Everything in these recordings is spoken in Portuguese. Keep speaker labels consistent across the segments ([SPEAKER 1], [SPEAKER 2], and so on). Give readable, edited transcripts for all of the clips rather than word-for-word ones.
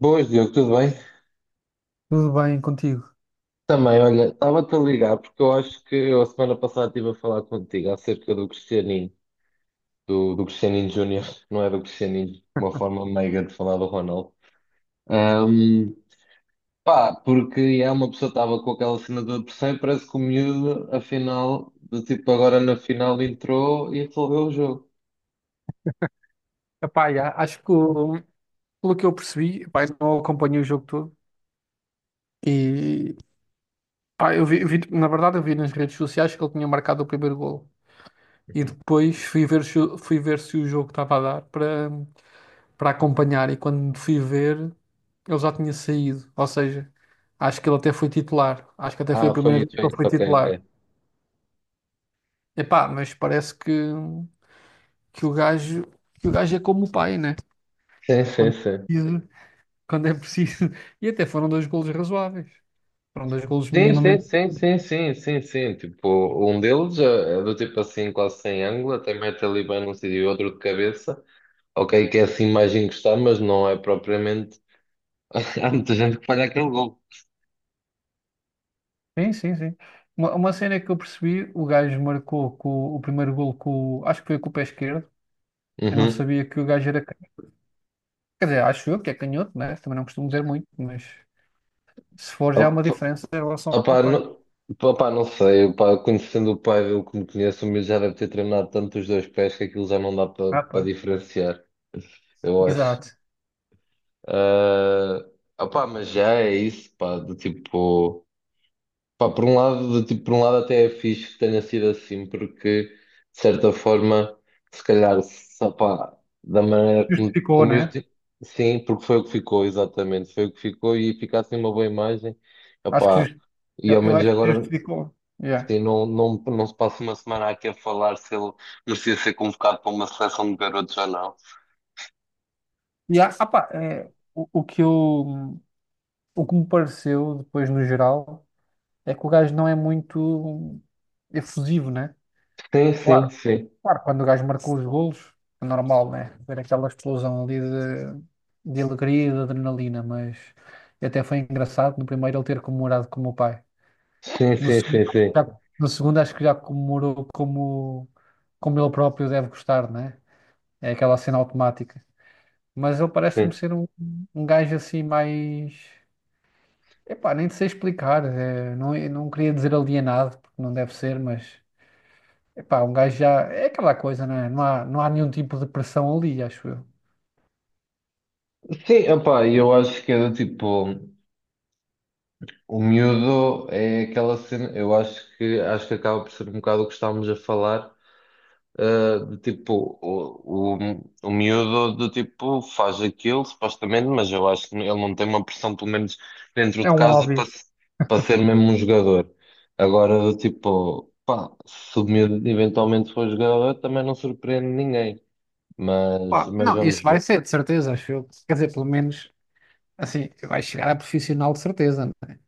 [SPEAKER 1] Boas, Diogo, tudo bem?
[SPEAKER 2] Tudo bem contigo?
[SPEAKER 1] Também, olha, estava-te a ligar porque eu acho que eu a semana passada estive a falar contigo acerca do Cristianinho, do Cristianinho Júnior, não é do Cristianinho, uma forma meiga de falar do Ronaldo. Ahm, pá, porque é uma pessoa estava com aquela cena do pressão parece que o miúdo, afinal, do tipo agora na final entrou e resolveu o jogo.
[SPEAKER 2] Epá, já, acho que pelo que eu percebi, epá, eu não acompanhei o jogo todo e pá, na verdade eu vi nas redes sociais que ele tinha marcado o primeiro gol e
[SPEAKER 1] Uhum.
[SPEAKER 2] depois fui ver se o jogo estava a dar para acompanhar e quando fui ver ele já tinha saído, ou seja, acho que ele até foi titular, acho que até foi a
[SPEAKER 1] Ah,
[SPEAKER 2] primeira vez que
[SPEAKER 1] foi
[SPEAKER 2] ele
[SPEAKER 1] isso,
[SPEAKER 2] foi
[SPEAKER 1] ok,
[SPEAKER 2] titular.
[SPEAKER 1] ok.
[SPEAKER 2] Epá, mas que o gajo que o gajo é como o pai, né?
[SPEAKER 1] Sim, sim,
[SPEAKER 2] Quando
[SPEAKER 1] sim.
[SPEAKER 2] precisa. Quando é preciso. E até foram dois golos razoáveis. Foram dois golos
[SPEAKER 1] Sim, sim,
[SPEAKER 2] minimamente.
[SPEAKER 1] sim, sim, sim, sim, sim. Tipo, um deles é do tipo assim, quase sem ângulo, até mete ali bem num sítio e outro de cabeça. Ok, que é assim mais encostado, mas não é propriamente. Há muita gente que falha aquele gol.
[SPEAKER 2] Sim, sim, sim. Uma cena que eu percebi, o gajo marcou com, o primeiro golo com, o- acho que foi com o pé esquerdo. Eu não
[SPEAKER 1] Uhum.
[SPEAKER 2] sabia que o gajo era canhoto. Quer dizer, acho eu que é canhoto, né? Também não costumo ver muito, mas se for já há uma
[SPEAKER 1] Opa,
[SPEAKER 2] diferença em relação ao
[SPEAKER 1] opa,
[SPEAKER 2] pai.
[SPEAKER 1] não, opa, não sei, opa, conhecendo o pai Pavel como conheço, o meu já deve ter treinado tanto os dois pés que aquilo já não dá
[SPEAKER 2] Ah,
[SPEAKER 1] para
[SPEAKER 2] pai.
[SPEAKER 1] diferenciar, eu acho.
[SPEAKER 2] Exato.
[SPEAKER 1] ah Opa, mas já é isso, pá, do tipo. Pá, por um lado, tipo, por um lado até é fixe que tenha sido assim, porque de certa forma, se calhar, só, pá, da maneira como,
[SPEAKER 2] Justificou,
[SPEAKER 1] como eu
[SPEAKER 2] né?
[SPEAKER 1] tipo, sim, porque foi o que ficou, exatamente, foi o que ficou e fica assim uma boa imagem,
[SPEAKER 2] Acho que
[SPEAKER 1] opá,
[SPEAKER 2] just-
[SPEAKER 1] e
[SPEAKER 2] eu,
[SPEAKER 1] ao
[SPEAKER 2] eu
[SPEAKER 1] menos
[SPEAKER 2] acho que
[SPEAKER 1] agora,
[SPEAKER 2] justificou. Yeah.
[SPEAKER 1] sim, não, não se passa uma semana aqui a falar se ele merecia ser convocado para uma seleção de garotos ou não.
[SPEAKER 2] É, o, o que eu, o que me pareceu depois no geral. É que o gajo não é muito efusivo, né?
[SPEAKER 1] Sim, sim,
[SPEAKER 2] Claro,
[SPEAKER 1] sim,
[SPEAKER 2] claro, quando o gajo marcou os golos, é normal, né? Ver aquela explosão ali de alegria e de adrenalina, mas até foi engraçado no primeiro ele ter comemorado como o pai.
[SPEAKER 1] sim,
[SPEAKER 2] No
[SPEAKER 1] sim,
[SPEAKER 2] segundo,
[SPEAKER 1] sim, sim,
[SPEAKER 2] no segundo acho que já comemorou como ele próprio deve gostar, né? É aquela cena automática. Mas ele parece-me
[SPEAKER 1] sim,
[SPEAKER 2] ser um, um gajo assim mais. Epá, nem sei explicar. É, não, eu não queria dizer alienado, porque não deve ser, mas epá, um gajo já. É aquela coisa, né? Não há nenhum tipo de pressão ali, acho eu.
[SPEAKER 1] sim, opá, eu acho que é do tipo. O miúdo é aquela cena, eu acho que acaba por ser um bocado o que estávamos a falar, de tipo, o miúdo do tipo faz aquilo, supostamente, mas eu acho que ele não tem uma pressão, pelo menos dentro
[SPEAKER 2] É
[SPEAKER 1] de
[SPEAKER 2] um
[SPEAKER 1] casa, para,
[SPEAKER 2] hobby.
[SPEAKER 1] para ser mesmo um jogador. Agora, do tipo, pá, se o miúdo eventualmente for jogador, também não surpreende ninguém,
[SPEAKER 2] Pá,
[SPEAKER 1] mas
[SPEAKER 2] não,
[SPEAKER 1] vamos
[SPEAKER 2] isso
[SPEAKER 1] ver.
[SPEAKER 2] vai ser, de certeza, acho eu. Quer dizer, pelo menos, assim, vai chegar a profissional, de certeza, né?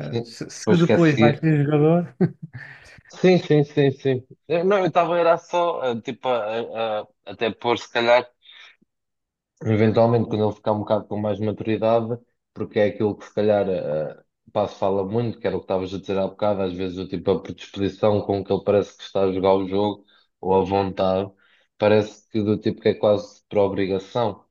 [SPEAKER 2] se
[SPEAKER 1] Depois quer
[SPEAKER 2] depois vai
[SPEAKER 1] seguir.
[SPEAKER 2] ser jogador.
[SPEAKER 1] Sim, sim, sim, sim. Não, eu estava era só, tipo, até pôr, se calhar, eventualmente, quando ele ficar um bocado com mais maturidade, porque é aquilo que, se calhar, o Passo fala muito, que era o que estavas a dizer há bocado, às vezes, o tipo, a predisposição com que ele parece que está a jogar o jogo, ou a vontade, parece que do tipo que é quase por obrigação.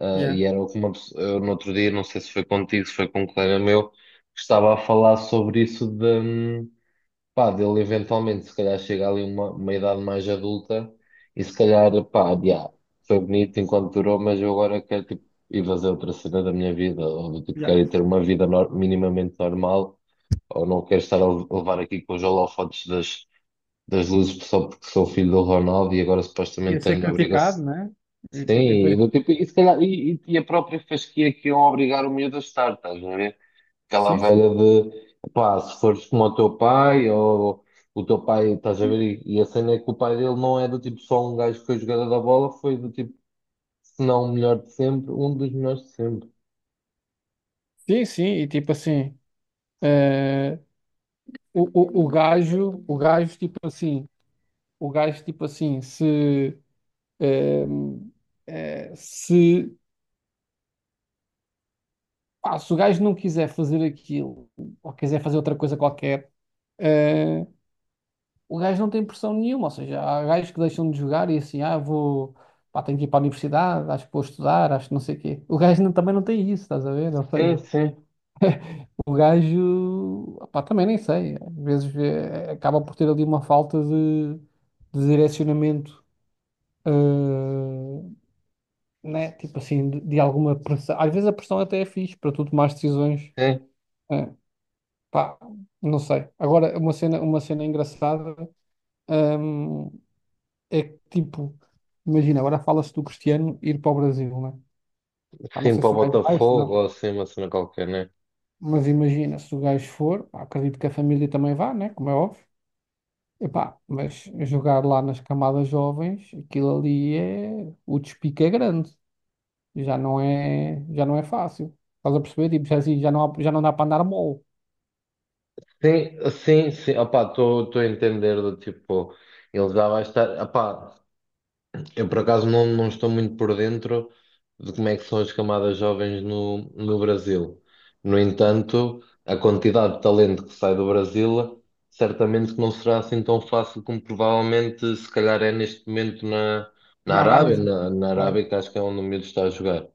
[SPEAKER 2] Yeah,
[SPEAKER 1] E era o que uma pessoa, eu, no outro dia, não sei se foi contigo, se foi com um colega meu, que estava a falar sobre isso pá, dele eventualmente, se calhar chega ali uma idade mais adulta e se calhar, pá, já, foi bonito enquanto durou, mas eu agora quero, tipo, ir fazer outra cena da minha vida, ou do tipo, quero
[SPEAKER 2] yeah.
[SPEAKER 1] ir ter uma vida minimamente normal, ou não quero estar a levar aqui com os holofotes das, das luzes só porque sou filho do Ronaldo e agora supostamente
[SPEAKER 2] Ia ser
[SPEAKER 1] tenho a
[SPEAKER 2] criticado,
[SPEAKER 1] obrigação.
[SPEAKER 2] né? E, e
[SPEAKER 1] Sim,
[SPEAKER 2] depois...
[SPEAKER 1] e, do tipo, e, se calhar, e a própria fasquia que iam obrigar o miúdo a estar, estás a ver? Aquela
[SPEAKER 2] Sim, sim.
[SPEAKER 1] velha de, pá, se fores como o teu pai, ou o teu pai, estás a ver? E a cena é que o pai dele não é do tipo só um gajo que foi jogador da bola, foi do tipo, se não o melhor de sempre, um dos melhores de sempre.
[SPEAKER 2] Sim, sim, e tipo assim. eh, o gajo, tipo assim. O gajo, tipo assim, se. eh, se pá, se o gajo não quiser fazer aquilo ou quiser fazer outra coisa qualquer, eh, o gajo não tem pressão nenhuma. Ou seja, há gajos que deixam de jogar e assim, ah, vou, pá, tenho que ir para a universidade, acho que vou estudar, acho que não sei o quê. O gajo não- também não tem isso, estás a ver? Ou
[SPEAKER 1] Sim,
[SPEAKER 2] seja,
[SPEAKER 1] sim,
[SPEAKER 2] o gajo, pá, também nem sei. Às vezes acaba por ter ali uma falta de direcionamento, eh, né? Tipo assim, de alguma pressão. Às vezes a pressão até é fixe para tu tomar decisões.
[SPEAKER 1] sim.
[SPEAKER 2] eh, Pá, não sei. Agora, uma cena engraçada, hum, é que, tipo, imagina, agora fala-se do Cristiano ir para o Brasil, né? Pá, não
[SPEAKER 1] Sim,
[SPEAKER 2] sei
[SPEAKER 1] para
[SPEAKER 2] se
[SPEAKER 1] o
[SPEAKER 2] o gajo vai, se
[SPEAKER 1] Botafogo,
[SPEAKER 2] não.
[SPEAKER 1] ou assim, uma cena qualquer, né?
[SPEAKER 2] Mas imagina, se o gajo for, pá, acredito que a família também vá, né? Como é óbvio. Epá, mas jogar lá nas camadas jovens, aquilo ali é... O despique é grande. Já não é fácil. Estás a perceber? Tipo, já, assim, já não dá para andar mole.
[SPEAKER 1] Sim, sim, sim. Opá, estou a entender do tipo, ele já vai estar. Opá, eu, por acaso, não, não estou muito por dentro de como é que são as camadas jovens no, no Brasil. No entanto, a quantidade de talento que sai do Brasil certamente que não será assim tão fácil como provavelmente se calhar é neste momento
[SPEAKER 2] Na Arábia.
[SPEAKER 1] Na, na Arábia,
[SPEAKER 2] Claro.
[SPEAKER 1] que acho que é onde o miúdo está a jogar.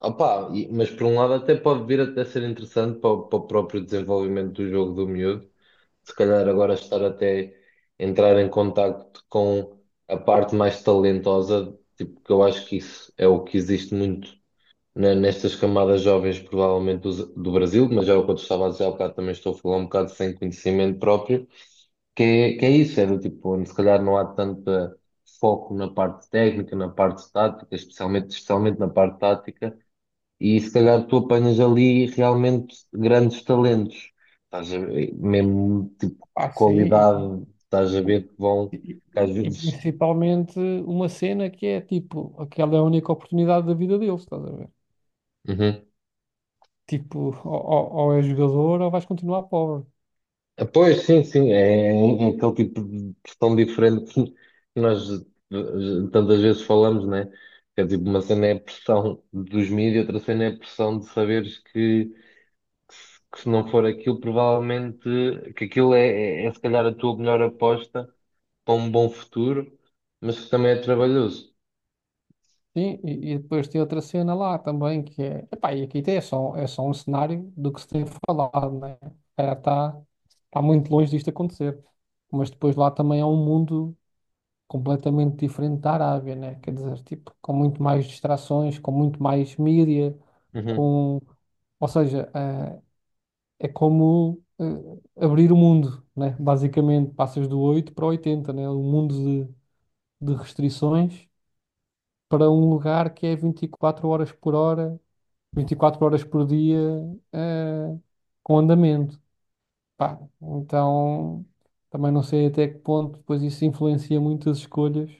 [SPEAKER 1] Opa, mas por um lado até pode vir até ser interessante para, o para o próprio desenvolvimento do jogo do miúdo, se calhar agora estar até entrar em contacto com a parte mais talentosa, tipo, que eu acho que isso é o que existe muito nestas camadas jovens, provavelmente do Brasil, mas já é o que eu te estava a dizer há bocado, também estou a falar um bocado sem conhecimento próprio, que é isso, é do tipo, onde se calhar não há tanto foco na parte técnica, na parte tática, especialmente na parte tática e se calhar tu apanhas ali realmente grandes talentos. Estás a ver, mesmo tipo
[SPEAKER 2] Pá, sim.
[SPEAKER 1] qualidade, estás a ver que vão,
[SPEAKER 2] E,
[SPEAKER 1] que às
[SPEAKER 2] e
[SPEAKER 1] vezes.
[SPEAKER 2] principalmente uma cena que é tipo, aquela é a única oportunidade da vida deles, estás a ver?
[SPEAKER 1] Uhum.
[SPEAKER 2] Tipo, ou ou és jogador ou vais continuar pobre.
[SPEAKER 1] Ah, pois sim, sim, é aquele tipo de questão diferente que nós tantas vezes falamos, né? Que é tipo, uma cena é a pressão dos mídias, outra cena é a pressão de saberes que, que se não for aquilo, provavelmente que aquilo é se calhar a tua melhor aposta para um bom futuro, mas que também é trabalhoso.
[SPEAKER 2] Sim, e depois tem outra cena lá também que é, epá, é só um cenário do que se tem falado, né? Cara, está muito longe disto acontecer. Mas depois lá também é um mundo completamente diferente da Arábia, né? Quer dizer, tipo, com muito mais distrações, com muito mais mídia,
[SPEAKER 1] Uhum.
[SPEAKER 2] com. Ou seja, é como abrir o mundo, né? Basicamente, passas do 8 para o 80, né? Um mundo de, de restrições para um lugar que é 24 horas por dia, eh, com andamento. Pá, então, também não sei até que ponto depois isso influencia muito as escolhas.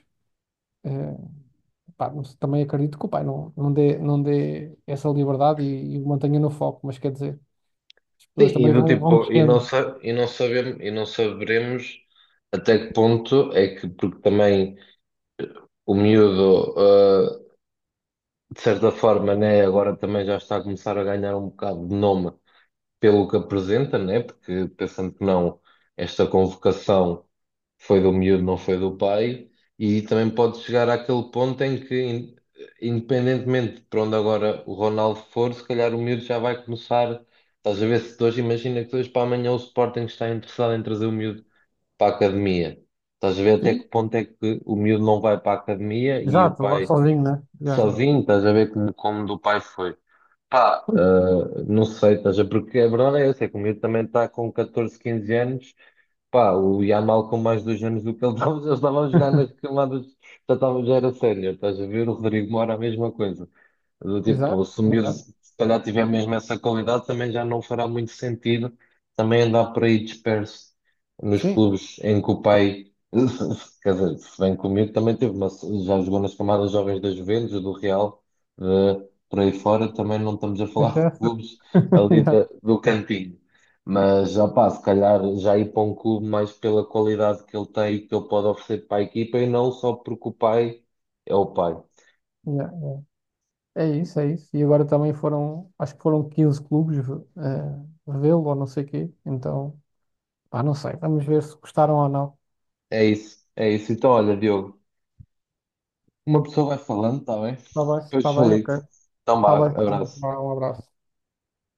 [SPEAKER 2] Eh, pá, não sei, também acredito que o pai não dê, não dê essa liberdade e o mantenha no foco, mas quer dizer, as
[SPEAKER 1] Sim,
[SPEAKER 2] pessoas
[SPEAKER 1] e
[SPEAKER 2] também
[SPEAKER 1] do
[SPEAKER 2] vão,
[SPEAKER 1] tipo,
[SPEAKER 2] vão
[SPEAKER 1] e não,
[SPEAKER 2] crescendo.
[SPEAKER 1] e não sabemos, e não saberemos até que ponto é que, porque também o miúdo, ah, de certa forma, né, agora também já está a começar a ganhar um bocado de nome pelo que apresenta, né? Porque pensando que não, esta convocação foi do miúdo, não foi do pai, e também pode chegar àquele ponto em que, independentemente de para onde agora o Ronaldo for, se calhar o miúdo já vai começar. Estás a ver se de hoje, imagina que de hoje para amanhã o Sporting está interessado em trazer o miúdo para a academia. Estás a ver até que
[SPEAKER 2] Sim,
[SPEAKER 1] ponto é que o miúdo não vai para a academia e o
[SPEAKER 2] exato, vá
[SPEAKER 1] pai
[SPEAKER 2] sozinho, né? Já, já.
[SPEAKER 1] sozinho, estás a ver como, como do pai foi. Pá,
[SPEAKER 2] Pois.
[SPEAKER 1] Não sei, estás porque a verdade é essa, é que o miúdo também está com 14, 15 anos, pá, o Yamal com mais dois anos do que ele estava, já estava a jogar nas camadas, já estava, já era sénior, estás a ver? O Rodrigo Moura a mesma coisa. Do tipo,
[SPEAKER 2] Exato,
[SPEAKER 1] se o miúdo
[SPEAKER 2] exato.
[SPEAKER 1] se calhar tiver mesmo essa qualidade, também já não fará muito sentido também andar por aí disperso nos
[SPEAKER 2] Sim,
[SPEAKER 1] clubes em que o pai, quer dizer, se bem comigo, também teve, mas já jogou nas camadas jovens da Juventus, do Real, eh, por aí fora, também não estamos a falar
[SPEAKER 2] deixa
[SPEAKER 1] de
[SPEAKER 2] essa.
[SPEAKER 1] clubes ali
[SPEAKER 2] Yeah,
[SPEAKER 1] do cantinho. Mas, opá, se calhar já ir para um clube mais pela qualidade que ele tem e que ele pode oferecer para a equipa e não só porque o pai.
[SPEAKER 2] yeah. É isso, é isso. E agora também foram, acho que foram 15 clubes vê-lo ou não sei quê. Então, pá, não sei. Vamos ver se gostaram ou não.
[SPEAKER 1] É isso, é isso. Então, olha, Diogo. Uma pessoa vai falando, está bem?
[SPEAKER 2] Está
[SPEAKER 1] Depois eu
[SPEAKER 2] bem,
[SPEAKER 1] ligo.
[SPEAKER 2] ok.
[SPEAKER 1] Então,
[SPEAKER 2] Está
[SPEAKER 1] vá,
[SPEAKER 2] bem, está bem.
[SPEAKER 1] abraço.
[SPEAKER 2] Vá, um abraço.